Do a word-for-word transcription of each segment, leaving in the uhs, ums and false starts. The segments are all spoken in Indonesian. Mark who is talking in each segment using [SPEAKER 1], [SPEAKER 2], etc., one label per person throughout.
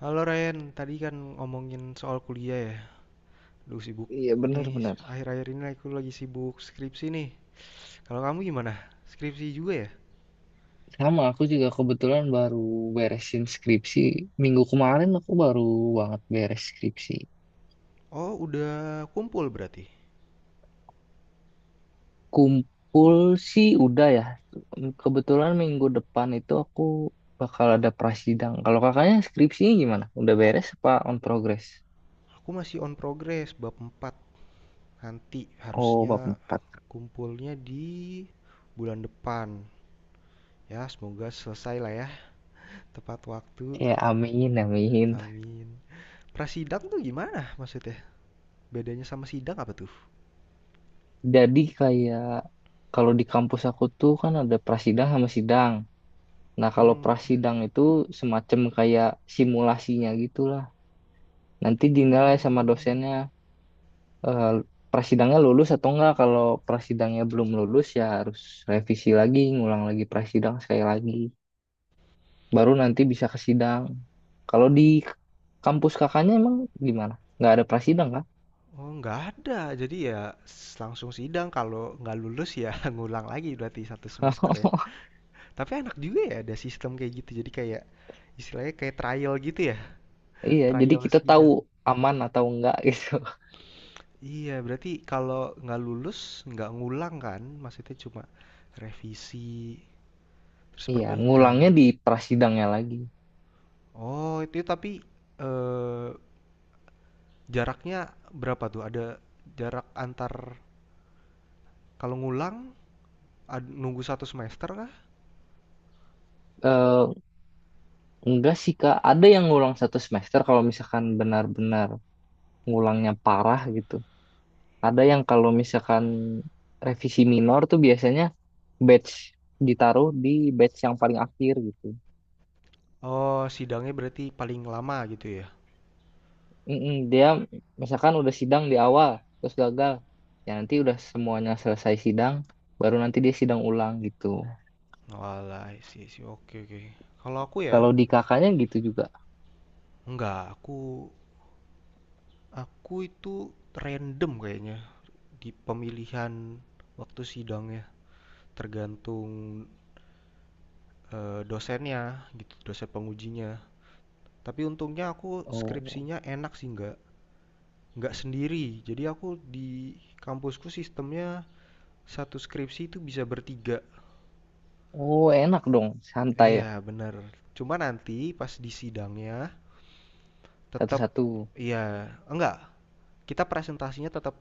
[SPEAKER 1] Halo Ryan, tadi kan ngomongin soal kuliah ya. Duh sibuk
[SPEAKER 2] Iya
[SPEAKER 1] nih,
[SPEAKER 2] benar-benar.
[SPEAKER 1] akhir-akhir ini aku lagi sibuk skripsi nih. Kalau kamu gimana? Skripsi juga ya?
[SPEAKER 2] Sama aku juga kebetulan baru beresin skripsi. Minggu kemarin aku baru banget beres skripsi.
[SPEAKER 1] Oh, udah kumpul berarti.
[SPEAKER 2] Kumpul sih udah ya. Kebetulan minggu depan itu aku bakal ada prasidang. Kalau kakaknya skripsinya gimana? Udah beres apa on progress?
[SPEAKER 1] Aku masih on progress bab empat. Nanti
[SPEAKER 2] Oh,
[SPEAKER 1] harusnya
[SPEAKER 2] bab empat.
[SPEAKER 1] kumpulnya di bulan depan. Ya, semoga selesai lah ya, tepat waktu.
[SPEAKER 2] Ya amin, amin.
[SPEAKER 1] Amin. Prasidang tuh gimana maksudnya? Bedanya sama sidang apa tuh?
[SPEAKER 2] Jadi kayak kalau di kampus aku tuh kan ada prasidang sama sidang. Nah, kalau
[SPEAKER 1] Hmm,
[SPEAKER 2] prasidang itu semacam kayak simulasinya gitulah. Nanti
[SPEAKER 1] oh.
[SPEAKER 2] dinilai sama dosennya, eh, prasidangnya lulus atau enggak. Kalau prasidangnya belum lulus ya harus revisi lagi, ngulang lagi prasidang sekali lagi. Baru nanti bisa ke sidang. Kalau di kampus kakaknya emang gimana? Nggak ada prasidang kah?
[SPEAKER 1] Oh, nggak ada. Jadi ya s- langsung sidang. Kalau nggak lulus ya ngulang lagi berarti satu semester ya. Tapi enak juga ya ada sistem kayak gitu. Jadi kayak istilahnya kayak trial gitu ya.
[SPEAKER 2] Iya, jadi
[SPEAKER 1] Trial
[SPEAKER 2] kita tahu
[SPEAKER 1] sidang.
[SPEAKER 2] aman atau enggak gitu.
[SPEAKER 1] Iya, berarti kalau nggak lulus nggak ngulang kan? Maksudnya cuma revisi terus
[SPEAKER 2] Iya,
[SPEAKER 1] perbaikan.
[SPEAKER 2] ngulangnya di prasidangnya lagi.
[SPEAKER 1] Oh, itu tapi eh, jaraknya berapa tuh? Ada jarak antar kalau ngulang ad- nunggu satu semester kah?
[SPEAKER 2] Eh, enggak sih Kak, ada yang ngulang satu semester kalau misalkan benar-benar ngulangnya parah gitu. Ada yang kalau misalkan revisi minor tuh biasanya batch ditaruh di batch yang paling akhir gitu.
[SPEAKER 1] Oh, sidangnya berarti paling lama gitu ya?
[SPEAKER 2] Mm-mm, dia misalkan udah sidang di awal terus gagal, ya nanti udah semuanya selesai sidang, baru nanti dia sidang ulang gitu.
[SPEAKER 1] Walah, sih sih. Oke, oke. Kalau aku ya,
[SPEAKER 2] Kalau di kakaknya gitu juga.
[SPEAKER 1] enggak. Aku aku itu random kayaknya di pemilihan waktu sidangnya, tergantung eh, dosennya gitu, dosen pengujinya. Tapi untungnya aku
[SPEAKER 2] Oh,
[SPEAKER 1] skripsinya enak sih, enggak nggak sendiri. Jadi aku di kampusku sistemnya satu skripsi itu bisa bertiga.
[SPEAKER 2] oh enak dong, santai ya,
[SPEAKER 1] Iya, bener. Cuma nanti pas di sidangnya tetap
[SPEAKER 2] satu-satu.
[SPEAKER 1] iya, enggak, kita presentasinya tetap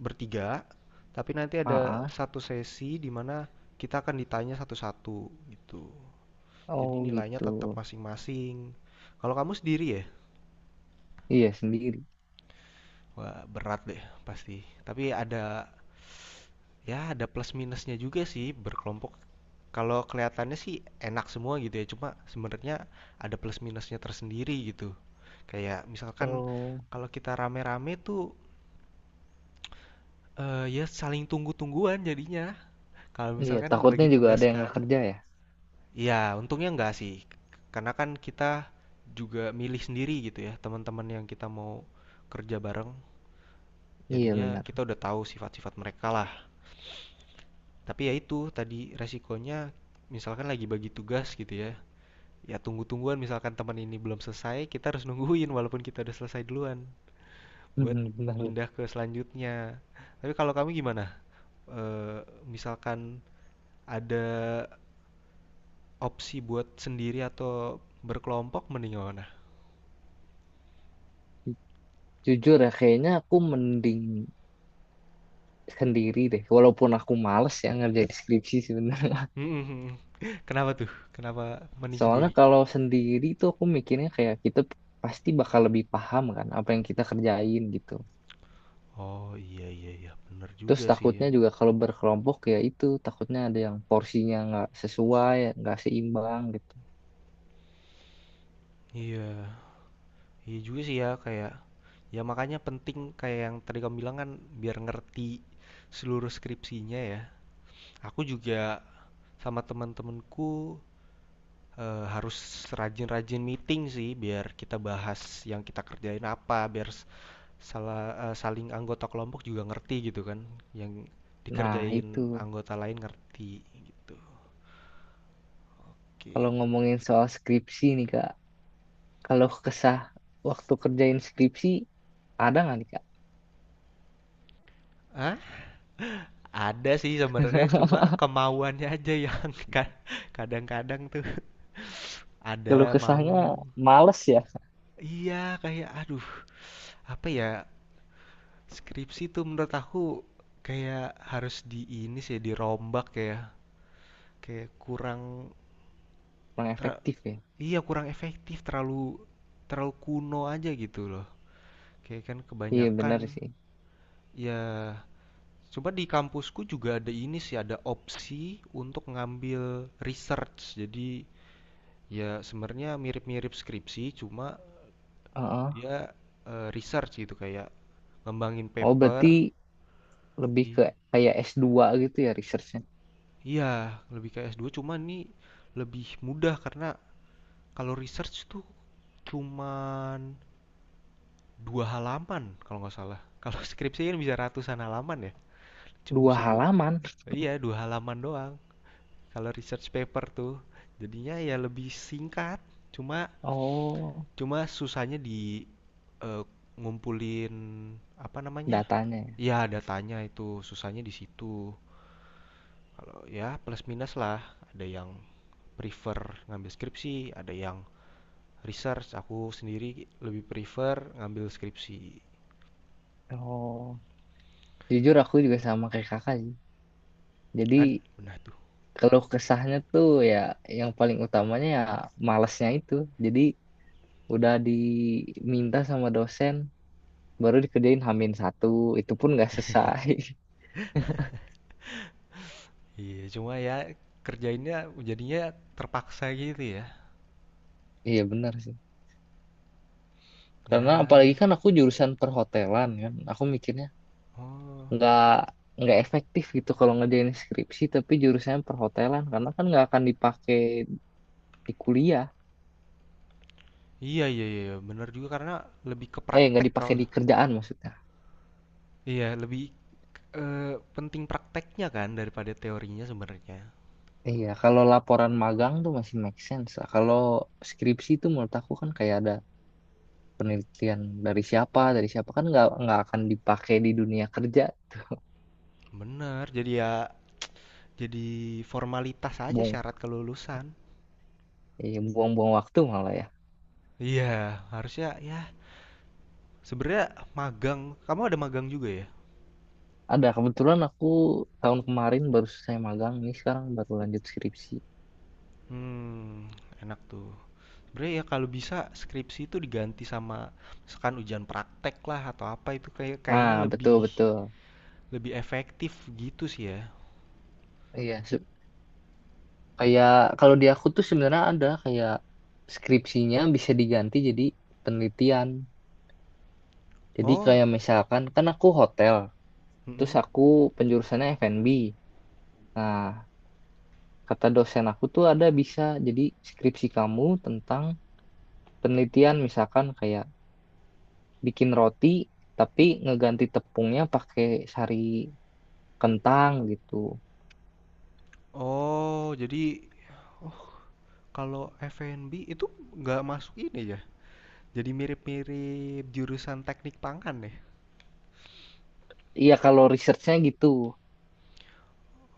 [SPEAKER 1] bertiga, tapi nanti
[SPEAKER 2] Ah,
[SPEAKER 1] ada
[SPEAKER 2] ah.
[SPEAKER 1] satu sesi di mana kita akan ditanya satu-satu gitu.
[SPEAKER 2] Oh
[SPEAKER 1] Jadi nilainya
[SPEAKER 2] gitu.
[SPEAKER 1] tetap masing-masing. Kalau kamu sendiri ya?
[SPEAKER 2] Iya sendiri.
[SPEAKER 1] Wah, berat deh pasti. Tapi ada ya ada plus minusnya juga sih berkelompok. Kalau kelihatannya sih enak semua gitu ya, cuma sebenarnya ada plus minusnya tersendiri gitu. Kayak misalkan
[SPEAKER 2] Oh,
[SPEAKER 1] kalau kita rame-rame tuh eh, ya saling tunggu-tungguan jadinya. Kalau
[SPEAKER 2] iya
[SPEAKER 1] misalkan
[SPEAKER 2] takutnya
[SPEAKER 1] bagi
[SPEAKER 2] juga
[SPEAKER 1] tugas
[SPEAKER 2] ada yang
[SPEAKER 1] kan,
[SPEAKER 2] nggak kerja ya.
[SPEAKER 1] ya untungnya enggak sih, karena kan kita juga milih sendiri gitu ya, teman-teman yang kita mau kerja bareng.
[SPEAKER 2] Iya
[SPEAKER 1] Jadinya
[SPEAKER 2] benar.
[SPEAKER 1] kita udah tahu sifat-sifat mereka lah. Tapi ya itu tadi resikonya, misalkan lagi bagi tugas gitu ya, ya tunggu-tungguan misalkan teman ini belum selesai, kita harus nungguin walaupun kita udah selesai duluan buat
[SPEAKER 2] Mhm, benar.
[SPEAKER 1] pindah ke selanjutnya. Tapi kalau kamu gimana? Eh, misalkan ada opsi buat sendiri atau berkelompok mending mana?
[SPEAKER 2] Jujur ya, kayaknya aku mending sendiri deh. Walaupun aku males ya ngerjain skripsi sebenarnya.
[SPEAKER 1] Mhm mhm. Kenapa tuh? Kenapa mending
[SPEAKER 2] Soalnya
[SPEAKER 1] sendiri?
[SPEAKER 2] kalau sendiri tuh aku mikirnya kayak kita pasti bakal lebih paham kan apa yang kita kerjain gitu.
[SPEAKER 1] Oh, iya iya iya, bener
[SPEAKER 2] Terus
[SPEAKER 1] juga sih ya.
[SPEAKER 2] takutnya juga kalau berkelompok ya itu takutnya ada yang porsinya nggak sesuai, nggak seimbang gitu.
[SPEAKER 1] Iya, iya juga sih ya kayak ya makanya penting kayak yang tadi kamu bilang kan biar ngerti seluruh skripsinya ya. Aku juga sama teman-temanku, eee, harus rajin-rajin meeting sih biar kita bahas yang kita kerjain apa, biar Sala eee, saling anggota kelompok juga ngerti gitu kan, yang
[SPEAKER 2] Nah
[SPEAKER 1] dikerjain
[SPEAKER 2] itu
[SPEAKER 1] anggota lain ngerti gitu,
[SPEAKER 2] kalau
[SPEAKER 1] oke.
[SPEAKER 2] ngomongin soal skripsi nih Kak, kalau kesah waktu kerjain skripsi ada nggak nih Kak?
[SPEAKER 1] Hah? Ada sih sebenarnya cuma kemauannya aja yang ka kadang-kadang tuh
[SPEAKER 2] Kalau
[SPEAKER 1] ada mau
[SPEAKER 2] kesahnya males ya,
[SPEAKER 1] iya kayak aduh apa ya, skripsi tuh menurut aku kayak harus di ini sih dirombak ya, kayak kurang
[SPEAKER 2] kurang
[SPEAKER 1] tra
[SPEAKER 2] efektif ya.
[SPEAKER 1] iya kurang efektif terlalu terlalu kuno aja gitu loh. Oke, kan
[SPEAKER 2] Iya
[SPEAKER 1] kebanyakan
[SPEAKER 2] benar sih.
[SPEAKER 1] ya coba di kampusku juga ada ini sih, ada opsi untuk ngambil research. Jadi ya sebenarnya mirip-mirip skripsi, cuma
[SPEAKER 2] Heeh.
[SPEAKER 1] dia eh, research gitu kayak ngembangin
[SPEAKER 2] Oh
[SPEAKER 1] paper.
[SPEAKER 2] berarti lebih ke
[SPEAKER 1] I-
[SPEAKER 2] kayak s dua gitu ya researchnya.
[SPEAKER 1] Iya, lebih kayak S dua cuma ini lebih mudah karena kalau research tuh cuman dua halaman kalau nggak salah. Kalau skripsi kan bisa ratusan halaman ya, cuma
[SPEAKER 2] Dua
[SPEAKER 1] bisa dua.
[SPEAKER 2] halaman.
[SPEAKER 1] Iya, dua halaman doang. Kalau research paper tuh jadinya ya lebih singkat, cuma
[SPEAKER 2] Oh,
[SPEAKER 1] cuma susahnya di eh, ngumpulin apa namanya?
[SPEAKER 2] datanya ya.
[SPEAKER 1] Ya datanya itu susahnya di situ. Kalau ya plus minus lah, ada yang prefer ngambil skripsi, ada yang research. Aku sendiri lebih prefer ngambil skripsi.
[SPEAKER 2] Oh, jujur aku juga sama kayak kakak sih.
[SPEAKER 1] Ad-
[SPEAKER 2] Jadi
[SPEAKER 1] benar tuh.
[SPEAKER 2] kalau kesahnya tuh ya yang paling utamanya ya malesnya itu. Jadi udah diminta sama dosen baru dikerjain hamin satu itu pun nggak selesai.
[SPEAKER 1] Iya, cuma ya kerjainnya jadinya terpaksa gitu ya.
[SPEAKER 2] Iya benar sih. Karena
[SPEAKER 1] Ya.
[SPEAKER 2] apalagi kan aku jurusan perhotelan kan. Aku mikirnya
[SPEAKER 1] Oh.
[SPEAKER 2] nggak nggak efektif gitu kalau ngerjain skripsi tapi jurusannya perhotelan karena kan nggak akan dipakai di kuliah,
[SPEAKER 1] Iya iya iya iya, bener juga karena lebih ke
[SPEAKER 2] eh nggak
[SPEAKER 1] praktek
[SPEAKER 2] dipakai
[SPEAKER 1] kalau
[SPEAKER 2] di kerjaan maksudnya.
[SPEAKER 1] iya lebih eh, penting prakteknya kan daripada teorinya sebenarnya.
[SPEAKER 2] Iya kalau laporan magang tuh masih make sense lah. Kalau skripsi tuh menurut aku kan kayak ada penelitian dari siapa dari siapa, kan nggak nggak akan dipakai di dunia kerja.
[SPEAKER 1] Bener, jadi ya jadi formalitas aja
[SPEAKER 2] Buang,
[SPEAKER 1] syarat kelulusan.
[SPEAKER 2] iya buang-buang waktu malah ya.
[SPEAKER 1] Iya, harusnya ya sebenarnya magang. Kamu ada magang juga ya?
[SPEAKER 2] Ada, kebetulan aku tahun kemarin baru selesai magang, ini sekarang baru lanjut skripsi.
[SPEAKER 1] Hmm, enak tuh. Sebenarnya ya kalau bisa skripsi itu diganti sama misalkan ujian praktek lah atau apa itu kayak kayaknya
[SPEAKER 2] Ah betul
[SPEAKER 1] lebih
[SPEAKER 2] betul.
[SPEAKER 1] lebih efektif gitu sih ya.
[SPEAKER 2] Iya, kayak kalau di aku tuh sebenarnya ada kayak skripsinya bisa diganti jadi penelitian. Jadi
[SPEAKER 1] Oh,
[SPEAKER 2] kayak misalkan kan aku hotel, terus
[SPEAKER 1] mm-mm.
[SPEAKER 2] aku penjurusannya F and B. Nah, kata dosen aku tuh ada bisa jadi skripsi kamu tentang penelitian misalkan kayak bikin roti tapi ngeganti tepungnya pakai sari kentang gitu.
[SPEAKER 1] Oh, jadi oh kalau F dan B itu nggak masuk ini ya? Jadi mirip-mirip jurusan teknik pangan ya?
[SPEAKER 2] Iya kalau researchnya gitu,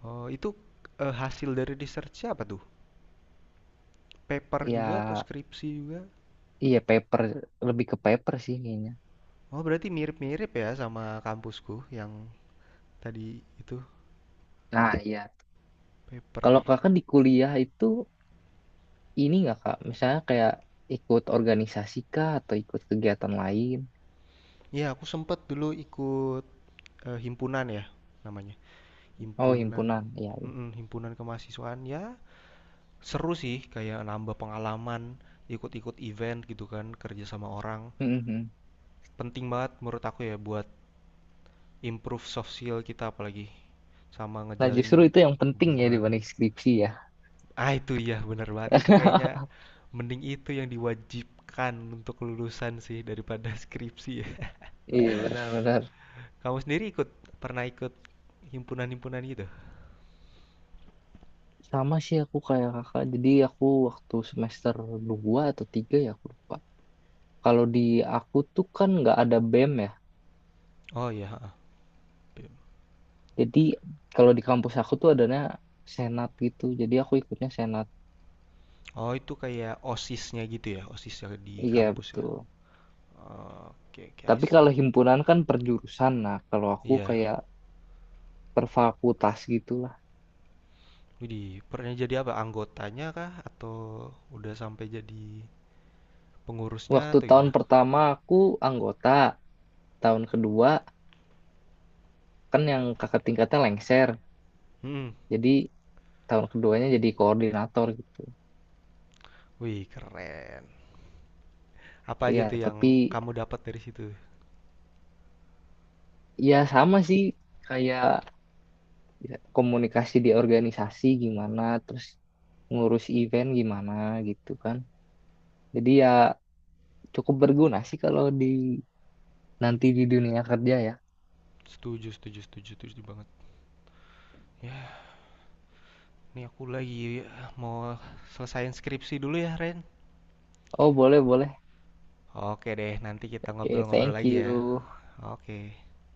[SPEAKER 1] Oh, itu eh, hasil dari research apa tuh? Paper juga atau
[SPEAKER 2] ya
[SPEAKER 1] skripsi juga?
[SPEAKER 2] iya paper, lebih ke paper sih kayaknya.
[SPEAKER 1] Oh, berarti mirip-mirip ya sama kampusku yang tadi itu
[SPEAKER 2] Nah, iya.
[SPEAKER 1] paper.
[SPEAKER 2] Kalau kakak di kuliah itu ini nggak kak? Misalnya kayak ikut organisasi kah atau ikut kegiatan lain?
[SPEAKER 1] Iya, aku sempet dulu ikut eh, himpunan ya namanya.
[SPEAKER 2] Oh,
[SPEAKER 1] Himpunan,
[SPEAKER 2] himpunan, iya. Iya.
[SPEAKER 1] mm-mm, himpunan kemahasiswaan ya. Seru sih kayak nambah pengalaman, ikut-ikut event gitu kan, kerja sama orang.
[SPEAKER 2] Mhm.
[SPEAKER 1] Penting banget menurut aku ya buat improve soft skill kita apalagi sama
[SPEAKER 2] Nah, justru
[SPEAKER 1] ngejalin
[SPEAKER 2] itu yang penting ya
[SPEAKER 1] hubungan.
[SPEAKER 2] dibanding skripsi ya.
[SPEAKER 1] Ah itu ya bener banget itu kayaknya mending itu yang diwajibkan untuk lulusan sih daripada skripsi ya.
[SPEAKER 2] Iya, benar-benar.
[SPEAKER 1] Kamu sendiri ikut pernah ikut himpunan-himpunan gitu?
[SPEAKER 2] Sama sih aku kayak kakak. Jadi aku waktu semester dua atau tiga ya aku lupa. Kalau di aku tuh kan nggak ada BEM ya.
[SPEAKER 1] Oh iya,
[SPEAKER 2] Jadi kalau di kampus aku tuh adanya senat gitu. Jadi aku ikutnya senat.
[SPEAKER 1] oh itu kayak OSIS-nya gitu ya, OSIS ya di
[SPEAKER 2] Iya,
[SPEAKER 1] kampus ya.
[SPEAKER 2] betul.
[SPEAKER 1] Oke, okay,
[SPEAKER 2] Tapi
[SPEAKER 1] guys.
[SPEAKER 2] kalau himpunan kan per jurusan. Nah, kalau aku
[SPEAKER 1] Iya,
[SPEAKER 2] kayak per fakultas gitulah.
[SPEAKER 1] widih, pernah jadi apa? Anggotanya kah? Atau udah sampai jadi pengurusnya
[SPEAKER 2] Waktu
[SPEAKER 1] atau
[SPEAKER 2] tahun
[SPEAKER 1] gimana?
[SPEAKER 2] pertama aku anggota, tahun kedua kan yang kakak tingkatnya lengser.
[SPEAKER 1] Hmm,
[SPEAKER 2] Jadi tahun keduanya jadi koordinator gitu.
[SPEAKER 1] wih, keren. Apa aja
[SPEAKER 2] Iya,
[SPEAKER 1] tuh
[SPEAKER 2] tapi
[SPEAKER 1] yang kamu dapat dari situ?
[SPEAKER 2] ya sama sih kayak ya, komunikasi di organisasi gimana, terus ngurus event gimana gitu kan. Jadi ya cukup berguna sih kalau di nanti di dunia kerja ya.
[SPEAKER 1] Setuju, setuju, setuju, setuju banget. Ya, ini aku lagi eh, mau selesaiin skripsi dulu ya, Ren.
[SPEAKER 2] Oh, boleh, boleh.
[SPEAKER 1] Oke deh, nanti kita
[SPEAKER 2] Oke,
[SPEAKER 1] ngobrol-ngobrol
[SPEAKER 2] thank
[SPEAKER 1] lagi
[SPEAKER 2] you.
[SPEAKER 1] ya. Oke.